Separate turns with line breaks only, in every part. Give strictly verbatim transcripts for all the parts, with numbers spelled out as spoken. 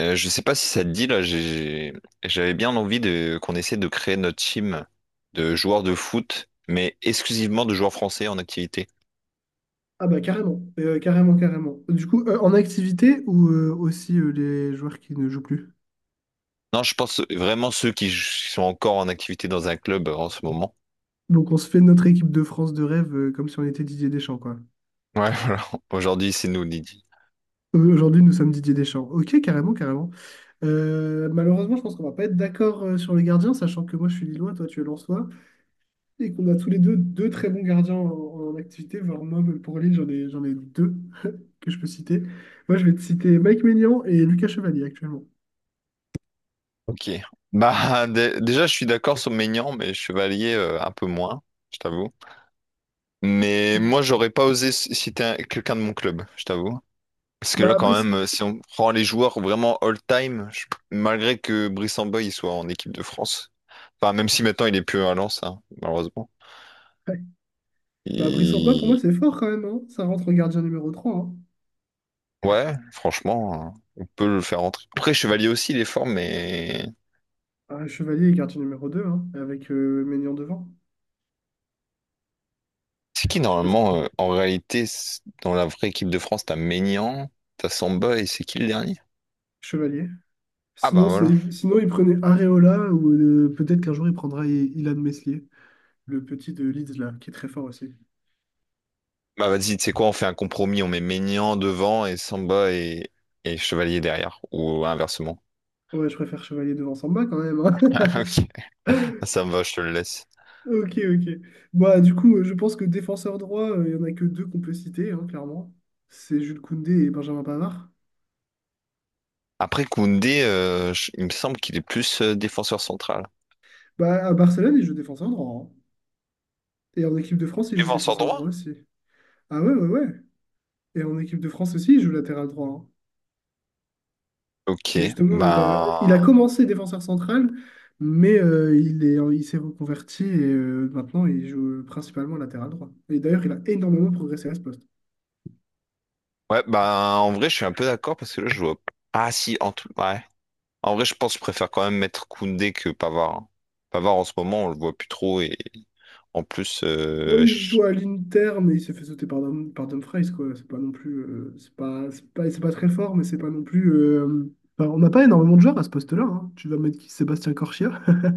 Euh, je sais pas si ça te dit là, j'ai- j'avais bien envie de qu'on essaie de créer notre team de joueurs de foot, mais exclusivement de joueurs français en activité.
Ah bah carrément, Euh, carrément, carrément. Du coup, euh, en activité ou euh, aussi euh, les joueurs qui ne jouent plus.
Non, je pense vraiment ceux qui j- sont encore en activité dans un club euh, en ce moment.
Donc on se fait notre équipe de France de rêve euh, comme si on était Didier Deschamps, quoi.
Ouais, voilà. Aujourd'hui, c'est nous, Lydie.
Euh, aujourd'hui, nous sommes Didier Deschamps. Ok, carrément, carrément. Euh, malheureusement, je pense qu'on va pas être d'accord euh, sur les gardiens, sachant que moi je suis Lillois, toi tu es Lensois, et qu'on a tous les deux deux très bons gardiens en, en activité, voire moi même pour Lille, j'en ai, j'en ai deux que je peux citer. Moi je vais te citer Mike Maignan et Lucas Chevalier actuellement.
Ok. Bah, dé- déjà, je suis d'accord sur Maignan, mais Chevalier euh, un peu moins, je t'avoue. Mais
Tu-
moi, j'aurais pas osé c- citer un- quelqu'un de mon club, je t'avoue. Parce que là,
Bah,
quand
Brice.
même, euh, si on prend les joueurs vraiment all-time, je- malgré que Brice Samba il soit en équipe de France, enfin, même si maintenant il est plus à Lens, hein, malheureusement.
Bah, Brice Horba, pour moi,
Il-
c'est fort quand même, hein. Ça rentre en gardien numéro trois, hein.
Ouais, franchement, euh, on peut le faire entrer. Après, Chevalier aussi, il est fort, mais
Ah, Chevalier est gardien numéro deux hein, avec euh, Maignan devant.
c'est qui
Je sais pas ce que...
normalement, euh, en réalité, c'est- dans la vraie équipe de France, t'as Maignan, t'as Samba et c'est qui le dernier?
Chevalier.
Ah bah
Sinon,
voilà.
c'est... Sinon, il prenait Areola ou euh, peut-être qu'un jour, il prendra I- Ilan Meslier, le petit de Leeds, là, qui est très fort aussi.
Bah vas-y, tu sais quoi, on fait un compromis, on met Maignan devant et Samba et, et Chevalier derrière, ou inversement.
Ouais, je préfère Chevalier devant Samba quand même, hein.
Ok. Ça me va, je te le laisse.
Ok, ok. Bah, du coup, euh, je pense que défenseur droit, euh, il y en a que deux qu'on peut citer, hein, clairement. C'est Jules Koundé et Benjamin Pavard.
Après Koundé, euh, je- il me semble qu'il est plus euh, défenseur central.
Bah, à Barcelone, il joue défenseur droit, hein. Et en équipe de France, il joue
Défenseur
défenseur
droit?
droit aussi. Ah ouais, ouais, ouais. Et en équipe de France aussi, il joue latéral droit, hein. Et
Ok,
justement,
ben
il a, il a commencé défenseur central, mais euh, il est, il s'est reconverti et euh, maintenant il joue principalement latéral droit. Et d'ailleurs, il a énormément progressé à ce poste.
ouais, ben en vrai, je suis un peu d'accord parce que là, je vois. Ah si, en tout, ouais. En vrai, je pense que je préfère quand même mettre Koundé que Pavard, hein. Pavard en ce moment, on le voit plus trop et en plus,
Bon,
euh,
il
je-
joue à l'Inter, mais il s'est fait sauter par, Dum- par Dumfries, quoi. C'est pas non plus, euh, c'est pas, c'est pas, c'est pas très fort, mais c'est pas non plus, euh, enfin, on n'a pas énormément de joueurs à ce poste-là, hein. Tu vas mettre qui? Sébastien Corchia?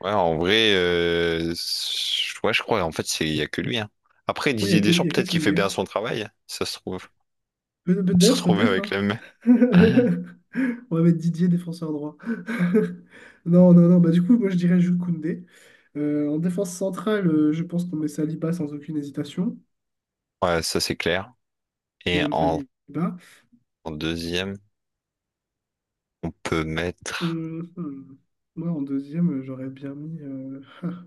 ouais, en vrai, euh, je- ouais, je crois. En fait, c'est il y a que lui, hein. Après,
Il n'y
Didier
a que,
Deschamps,
il y a que
peut-être qu'il fait
Koundé.
bien son travail. Ça se trouve,
Pe-
on se
Peut-être,
retrouve
peut-être,
avec
hein.
les mêmes.
On va mettre Didier défenseur droit. Non, non, non. Bah, du coup, moi, je dirais Jules Koundé. Euh, en défense centrale, euh, je pense qu'on met Saliba sans aucune hésitation.
Ouais, ça c'est clair. Et
William
en
Saliba.
en deuxième. On peut mettre.
Hum, hum. Moi, en deuxième, euh, j'aurais bien mis... euh,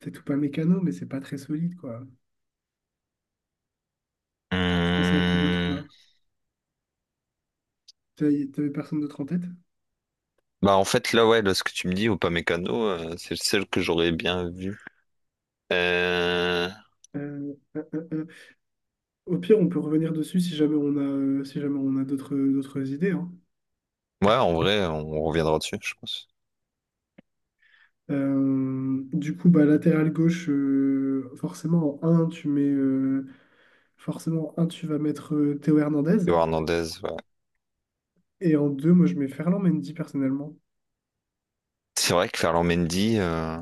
C'est tout pas mécano, mais c'est pas très solide, quoi. Tu pensais à qui d'autre,
Hum,
toi? T'as- T'avais personne d'autre en tête?
Bah en fait là ouais là ce que tu me dis ou pas mécano euh, c'est celle que j'aurais bien vue. Euh,
Euh, euh, euh, euh. Au pire, on peut revenir dessus si jamais on a, euh, si jamais on a d'autres, d'autres idées, hein.
Ouais en vrai on reviendra dessus je pense.
Euh, du coup, bah, latéral gauche, euh, forcément en un, tu mets euh, forcément en un, tu vas mettre euh, Théo Hernandez.
Théo Hernandez ouais.
Et en deux, moi je mets Ferland Mendy personnellement.
C'est vrai que Ferland Mendy euh,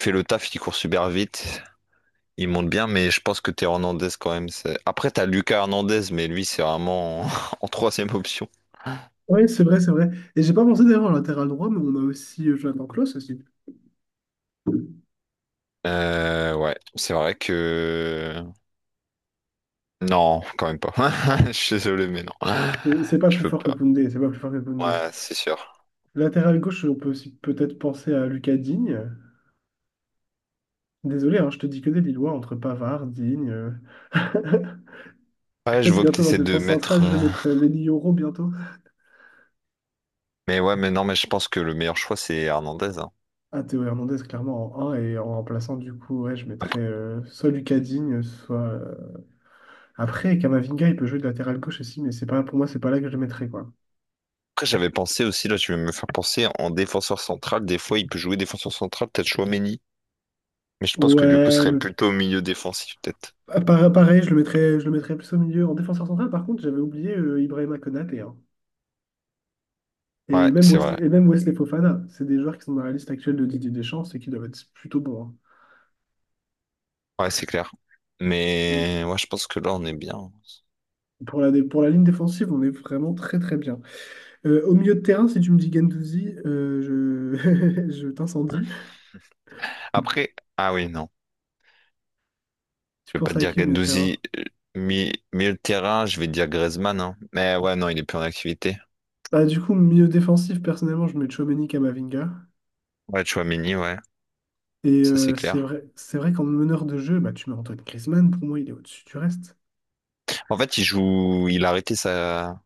fait le taf, il court super vite, il monte bien mais je pense que Théo Hernandez quand même c'est. Après t'as Lucas Hernandez mais lui c'est vraiment en… en troisième option.
Oui, c'est vrai, c'est vrai. Et j'ai pas pensé d'ailleurs en latéral droit, mais on a aussi euh, Jonathan Klaus aussi.
Euh, ouais c'est vrai que non quand même pas. Je suis désolé mais non
C'est c'est pas
je
plus
peux
fort que
pas.
Koundé, c'est pas plus fort que Koundé.
Ouais, c'est sûr.
Latéral gauche, on peut aussi peut-être penser à Lucas Digne. Désolé, hein, je te dis que des Lillois entre Pavard, Digne. euh.
Ouais, je
Peut-être
vois que tu
bientôt en
essaies de
défense
mettre.
centrale, je vais
euh,
mettre euh, Lenny Yoro bientôt.
Mais ouais, mais non, mais je pense que le meilleur choix, c'est Hernandez, hein.
Ah, Théo Hernandez, clairement, en un et en remplaçant, du coup, ouais, je
Après,
mettrais euh, soit Lucas Digne, soit. Euh, Après, Kamavinga, il peut jouer de latéral gauche aussi, mais c'est pas, pour moi, c'est pas là que je le mettrais, quoi.
après, j'avais pensé aussi, là, je vais me faire penser en défenseur central. Des fois, il peut jouer défenseur central, peut-être Chouameni. Mais je pense que du coup, ce
Ouais,
serait
mais
plutôt au milieu défensif, peut-être.
pa- pa- pareil, je le mettrais, je le mettrais plus au milieu. En défenseur central, par contre, j'avais oublié euh, Ibrahima Konaté, hein.
Ouais,
Et même
c'est vrai.
Wesley, et même Wesley Fofana. C'est des joueurs qui sont dans la liste actuelle de Didier Deschamps et qui doivent être plutôt bons,
Ouais, c'est clair.
hein.
Mais ouais, je pense que là, on est bien.
Pour la, dé- pour la ligne défensive, on est vraiment très très bien. Euh, au milieu de terrain, si tu me dis Gendouzi, euh, je, je t'incendie.
Après, ah oui, non.
Tu
Je vais pas
penses
te
à
dire
qui au milieu de
Gendouzi,
terrain?
euh, mi- milieu de terrain, je vais te dire Griezmann, hein. Mais ouais, non, il est plus en activité.
Bah, du coup, milieu défensif, personnellement, je mets Tchouaméni Camavinga.
Ouais, Chouameni, ouais,
Et
ça c'est
euh, c'est
clair.
vrai, c'est vrai qu'en meneur de jeu, bah, tu mets Antoine Griezmann, pour moi, il est au-dessus du reste.
En fait, il joue, il a arrêté sa,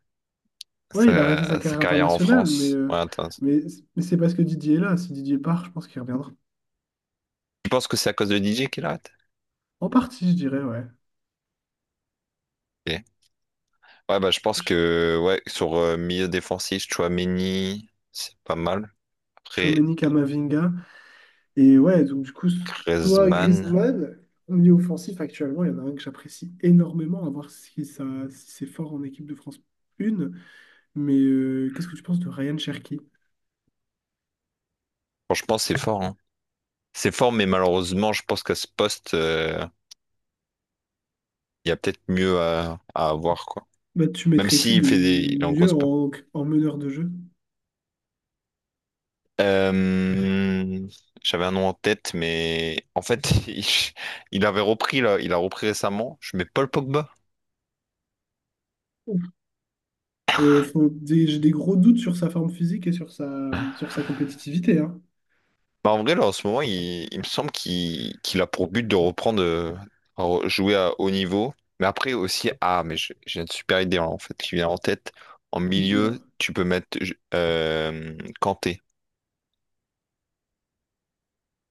Ouais, il a arrêté sa
sa, sa
carrière
carrière en
internationale, mais,
France. Ouais,
euh,
attends.
mais, mais c'est parce que Didier est là. Si Didier part, je pense qu'il reviendra.
Tu penses que c'est à cause de D J qu'il arrête?
En partie, je dirais, ouais.
Ok. Ouais, bah, je pense
Ch-
que, ouais, sur euh, milieu défensif, Chouameni, c'est pas mal. Après,
Tchouaméni Camavinga. Et ouais, donc du coup, soit
Griezmann,
Griezmann, milieu offensif, actuellement, il y en a un que j'apprécie énormément, à voir si ça, si c'est fort en équipe de France un. Mais euh, qu'est-ce que tu penses de Ryan Cherki?
franchement, c'est fort, hein. C'est fort, mais malheureusement, je pense qu'à ce poste, euh, il y a peut-être mieux à, à avoir, quoi.
Bah, tu
Même
mettrais qui
s'il
de
fait des, il est en
mieux
grosse
en, en meneur de jeu?
Euh, j'avais un nom en tête, mais en fait, il, il avait repris là, il a repris récemment. Je mets Paul Pogba.
Euh, faut- des- j'ai des gros doutes sur sa forme physique et sur sa, sur sa compétitivité, hein.
Bah, en vrai, là, en ce moment, il, il me semble qu'il qu'il a pour but de reprendre, euh, re- jouer à haut niveau. Mais après aussi, ah, mais je- j'ai une super idée hein, en fait qui vient en tête. En milieu,
Dis-moi.
tu peux mettre je- euh, Kanté.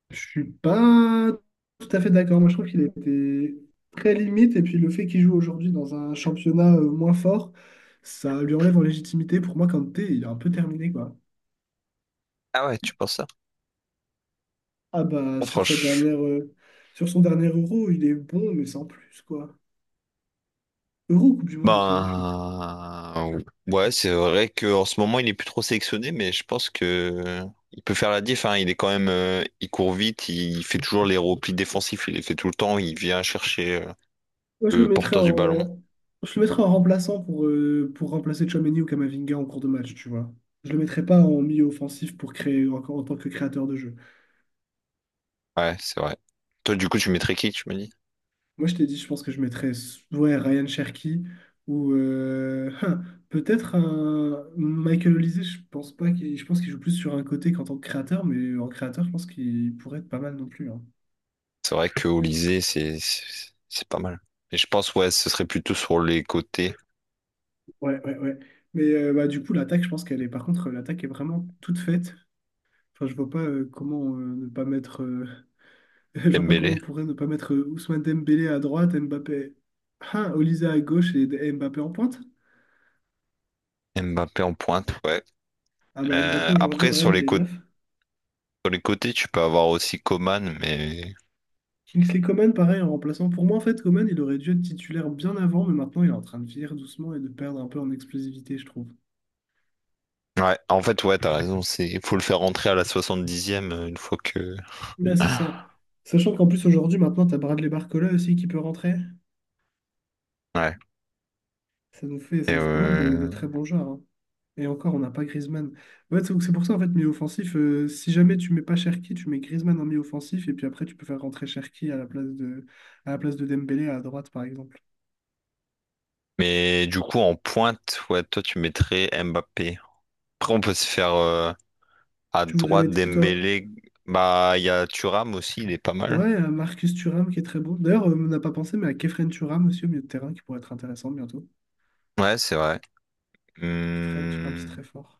Je suis pas tout à fait d'accord. Moi, je trouve qu'il était très limite. Et puis, le fait qu'il joue aujourd'hui dans un championnat euh, moins fort, ça lui enlève en légitimité. Pour moi, Kanté, il est un peu terminé, quoi.
Ah ouais, tu penses ça?
Ah bah, sur sa
Franchement,
dernière, euh, sur son dernier Euro, il est bon, mais sans plus, quoi. Euro ou Coupe du Monde, je sais même plus.
Ben, ouais, c'est vrai qu'en ce moment, il est plus trop sélectionné, mais je pense que il peut faire la diff, hein. Il est quand même, euh, il court vite, il fait toujours les replis défensifs, il les fait tout le temps, il vient chercher euh,
Moi, je le
le
mettrais
porteur du ballon.
en, je le mettrais en remplaçant pour, euh, pour remplacer Tchouaméni ou Kamavinga en cours de match, tu vois. Je le mettrais pas en milieu offensif pour créer encore en tant que créateur de jeu.
Ouais, c'est vrai. Toi, du coup, tu mettrais qui, tu me dis?
Moi, je t'ai dit, je pense que je mettrais ouais, Ryan Cherki ou euh, hein, peut-être un Michael Olise. Je pense pas qu'il, je pense qu'il joue plus sur un côté qu'en tant que créateur, mais en créateur, je pense qu'il pourrait être pas mal non plus, hein.
C'est vrai que Olysée, c'est, c'est c'est pas mal. Mais je pense, ouais, ce serait plutôt sur les côtés,
Ouais, ouais, ouais. Mais euh, bah, du coup, l'attaque, je pense qu'elle est. Par contre, l'attaque est vraiment toute faite. Enfin, je vois pas euh, comment euh, ne pas mettre euh, Je vois pas comment
Dembélé,
on pourrait ne pas mettre euh, Ousmane Dembélé à droite, Mbappé, ah, Olisa à gauche et et Mbappé en pointe.
Mbappé en pointe, ouais.
Ah bah
Euh,
Mbappé aujourd'hui
après,
au
sur
Real, il
les
est
côtés,
neuf.
sur les côtés, tu peux avoir aussi Coman, mais
Kingsley Coman, pareil, en remplaçant. Pour moi, en fait, Coman, il aurait dû être titulaire bien avant, mais maintenant, il est en train de vieillir doucement et de perdre un peu en explosivité, je trouve.
ouais, en fait, ouais, t'as raison, c'est, il faut le faire rentrer à la soixante dixième euh, une fois que.
Là, Mm. c'est ça. Sachant qu'en plus, aujourd'hui, maintenant, t'as Bradley Barcola aussi qui peut rentrer.
Ouais.
Ça nous fait,
Et,
ça nous fait pas mal de, de
euh,
très bons joueurs, hein. Et encore, on n'a pas Griezmann. Ouais, c'est c'est pour ça, en fait, milieu offensif, euh, si jamais tu mets pas Cherki, tu mets Griezmann en milieu offensif, et puis après, tu peux faire rentrer Cherki à la place de, à la place de Dembélé à droite, par exemple.
mais du coup, en pointe, ouais, toi, tu mettrais Mbappé. Après, on peut se faire euh, à
Tu voudrais
droite
mettre qui, toi?
Dembélé. Bah, il y a Thuram aussi, il est pas mal.
Ouais, euh, Marcus Thuram, qui est très bon. D'ailleurs, euh, on n'a pas pensé, mais à Kefren Thuram aussi, au milieu de terrain, qui pourrait être intéressant bientôt.
Ouais, c'est vrai.
Kefren Thuram, c'est
Hum,
très fort.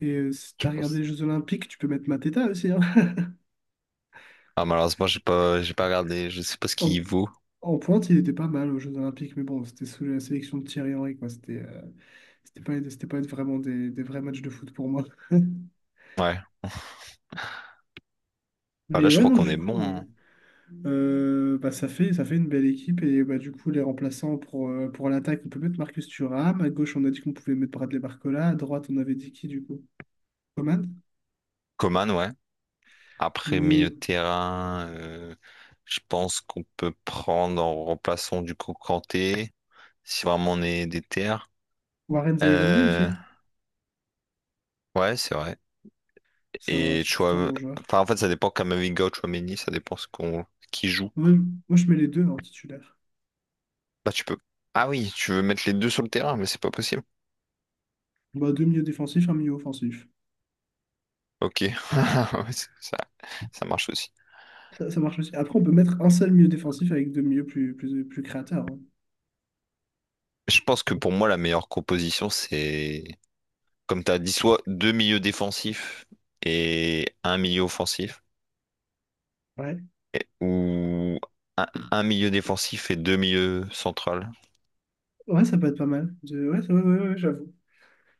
Et euh, si
Je
t'as regardé
pense.
les Jeux Olympiques, tu peux mettre Mateta aussi, hein.
Ah, malheureusement, j'ai pas, j'ai pas regardé, je sais pas ce
En,
qu'il vaut.
en pointe, il était pas mal aux Jeux Olympiques, mais bon, c'était sous la sélection de Thierry Henry, quoi. C'était... euh, C'était pas, c'était pas vraiment des, des vrais matchs de foot pour moi.
Ouais. Bah, là,
Mais
je
ouais,
crois
non,
qu'on est
du
bon,
coup,
hein.
euh, euh, bah, ça fait, ça fait une belle équipe. Et bah, du coup, les remplaçants pour, euh, pour l'attaque, on peut mettre Marcus Thuram. À gauche, on a dit qu'on pouvait mettre Bradley Barcola. À droite, on avait dit qui, du coup? Coman.
Coman, ouais. Après
Mio.
milieu de terrain, euh, je pense qu'on peut prendre en remplaçant du coup Kanté, si vraiment on est des terres.
Warren Zaïre-Emery
Euh,
aussi.
ouais, c'est vrai.
C'est un-
Et
c'est plutôt un
Chouam…
bon joueur.
enfin, en fait, ça dépend Kamavinga ou Tchouaméni, ça dépend ce qu'on qui joue.
Moi, je moi, je mets les deux en titulaire.
Bah, tu peux. Ah oui, tu veux mettre les deux sur le terrain, mais c'est pas possible.
Bah, deux milieux défensifs, un milieu offensif.
Ok, Ouais, c'est- ça, ça marche aussi.
Ça, ça marche aussi. Après, on peut mettre un seul milieu défensif avec deux milieux plus, plus, plus créateurs, hein.
Je pense que pour moi, la meilleure composition, c'est, comme tu as dit, soit deux milieux défensifs et un milieu offensif.
Ouais.
Ou un, un milieu défensif et deux milieux centrales.
Ouais, ça peut être pas mal. De- Ouais, ça- ouais, ouais, ouais, j'avoue.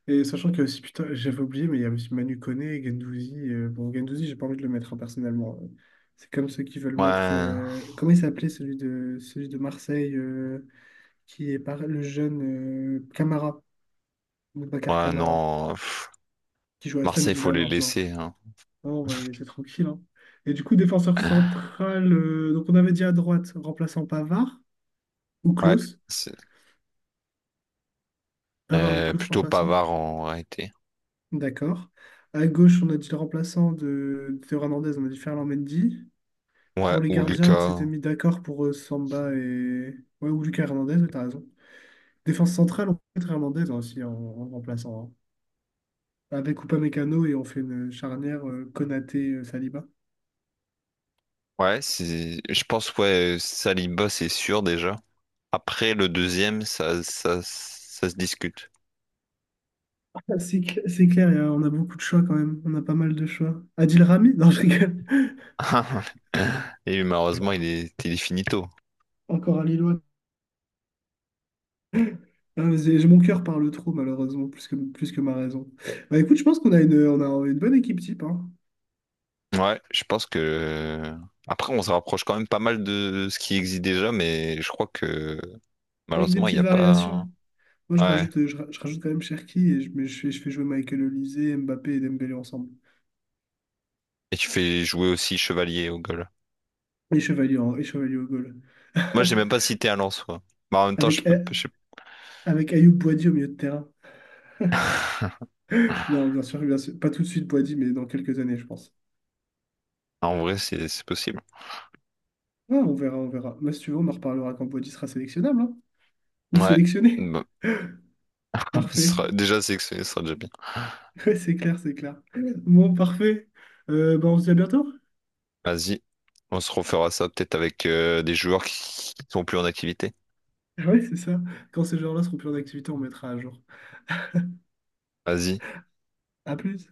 Et sachant qu'il y a aussi, putain, j'avais oublié, mais il y a aussi Manu Koné, Gendouzi. Euh, bon, Gendouzi, j'ai pas envie de le mettre hein, personnellement, hein. C'est comme ceux qui veulent mettre.
Ouais,
euh, comment il s'appelait celui de, celui de Marseille, euh, qui est par, le jeune euh, Camara, Boubacar
ouais,
Camara,
non. Pff,
qui joue à Aston
Marseille, faut
Villa
les
maintenant.
laisser, hein.
Bon, on va le laisser tranquille, hein. Et du coup, défenseur central, euh, donc on avait dit à droite, remplaçant Pavard ou
Ouais,
Klose.
c'est-
Pavard ou
euh,
Klose
plutôt
remplaçant.
Pavard en réalité.
D'accord. À gauche, on a dit le remplaçant de, de Théo Hernandez, on a dit Ferland Mendy.
Ouais,
Pour les
ou
gardiens, on s'était
Lucas.
mis d'accord pour euh, Samba et. Ouais, ou Lucas Hernandez, ouais, t'as raison. Défense centrale, on peut mettre Hernandez hein, aussi en, en remplaçant, hein. Avec Mécano et on fait une charnière euh, Konaté euh, Saliba.
Ouais, c'est, je pense, ouais, Saliba, c'est sûr déjà. Après, le deuxième, ça, ça, ça se discute.
Ah, C'est cl- c'est clair, y a- on a beaucoup de choix quand même. On a pas mal de choix. Adil Rami? Non, je rigole.
Et malheureusement, il est, il est finito.
Encore un Lillois. Ah, mais c'est- mon cœur parle trop, malheureusement, plus que, plus que ma raison. Bah écoute, je pense qu'on a une, on a une bonne équipe type, hein,
Ouais, je pense que. Après, on se rapproche quand même pas mal de ce qui existe déjà, mais je crois que
avec des
malheureusement, il n'y
petites
a
variations.
pas.
Moi, je
Ouais.
rajoute, euh, je, ra- Je rajoute quand même Cherki et je, mais je, fais, je fais jouer Michael Olise, Mbappé et Dembélé ensemble.
Et tu fais jouer aussi chevalier au goal.
Et Chevalier, en- et Chevalier au goal.
Moi, j'ai même pas cité un lance, quoi. Mais en même temps, je
Avec,
peux.
A-
Je sais pas.
avec Ayoub Boadi au milieu de terrain. Non, bien sûr, bien sûr. Pas tout de suite Boadi, mais dans quelques années, je pense.
En vrai, c'est c'est possible.
Ah, on verra, on verra. Mais si tu veux, on en reparlera quand Boadi sera sélectionnable, hein. Ou
Ouais.
sélectionné.
Bah, ce
Parfait.
sera- déjà, c'est que ce sera déjà bien.
Ouais, c'est clair, c'est clair. Bon, parfait. Euh, bah, on se dit à bientôt.
Vas-y. On se refera ça peut-être avec euh, des joueurs qui qui sont plus en activité.
Ouais, c'est ça. Quand ces joueurs-là seront plus en activité, on mettra à jour.
Vas-y.
À plus.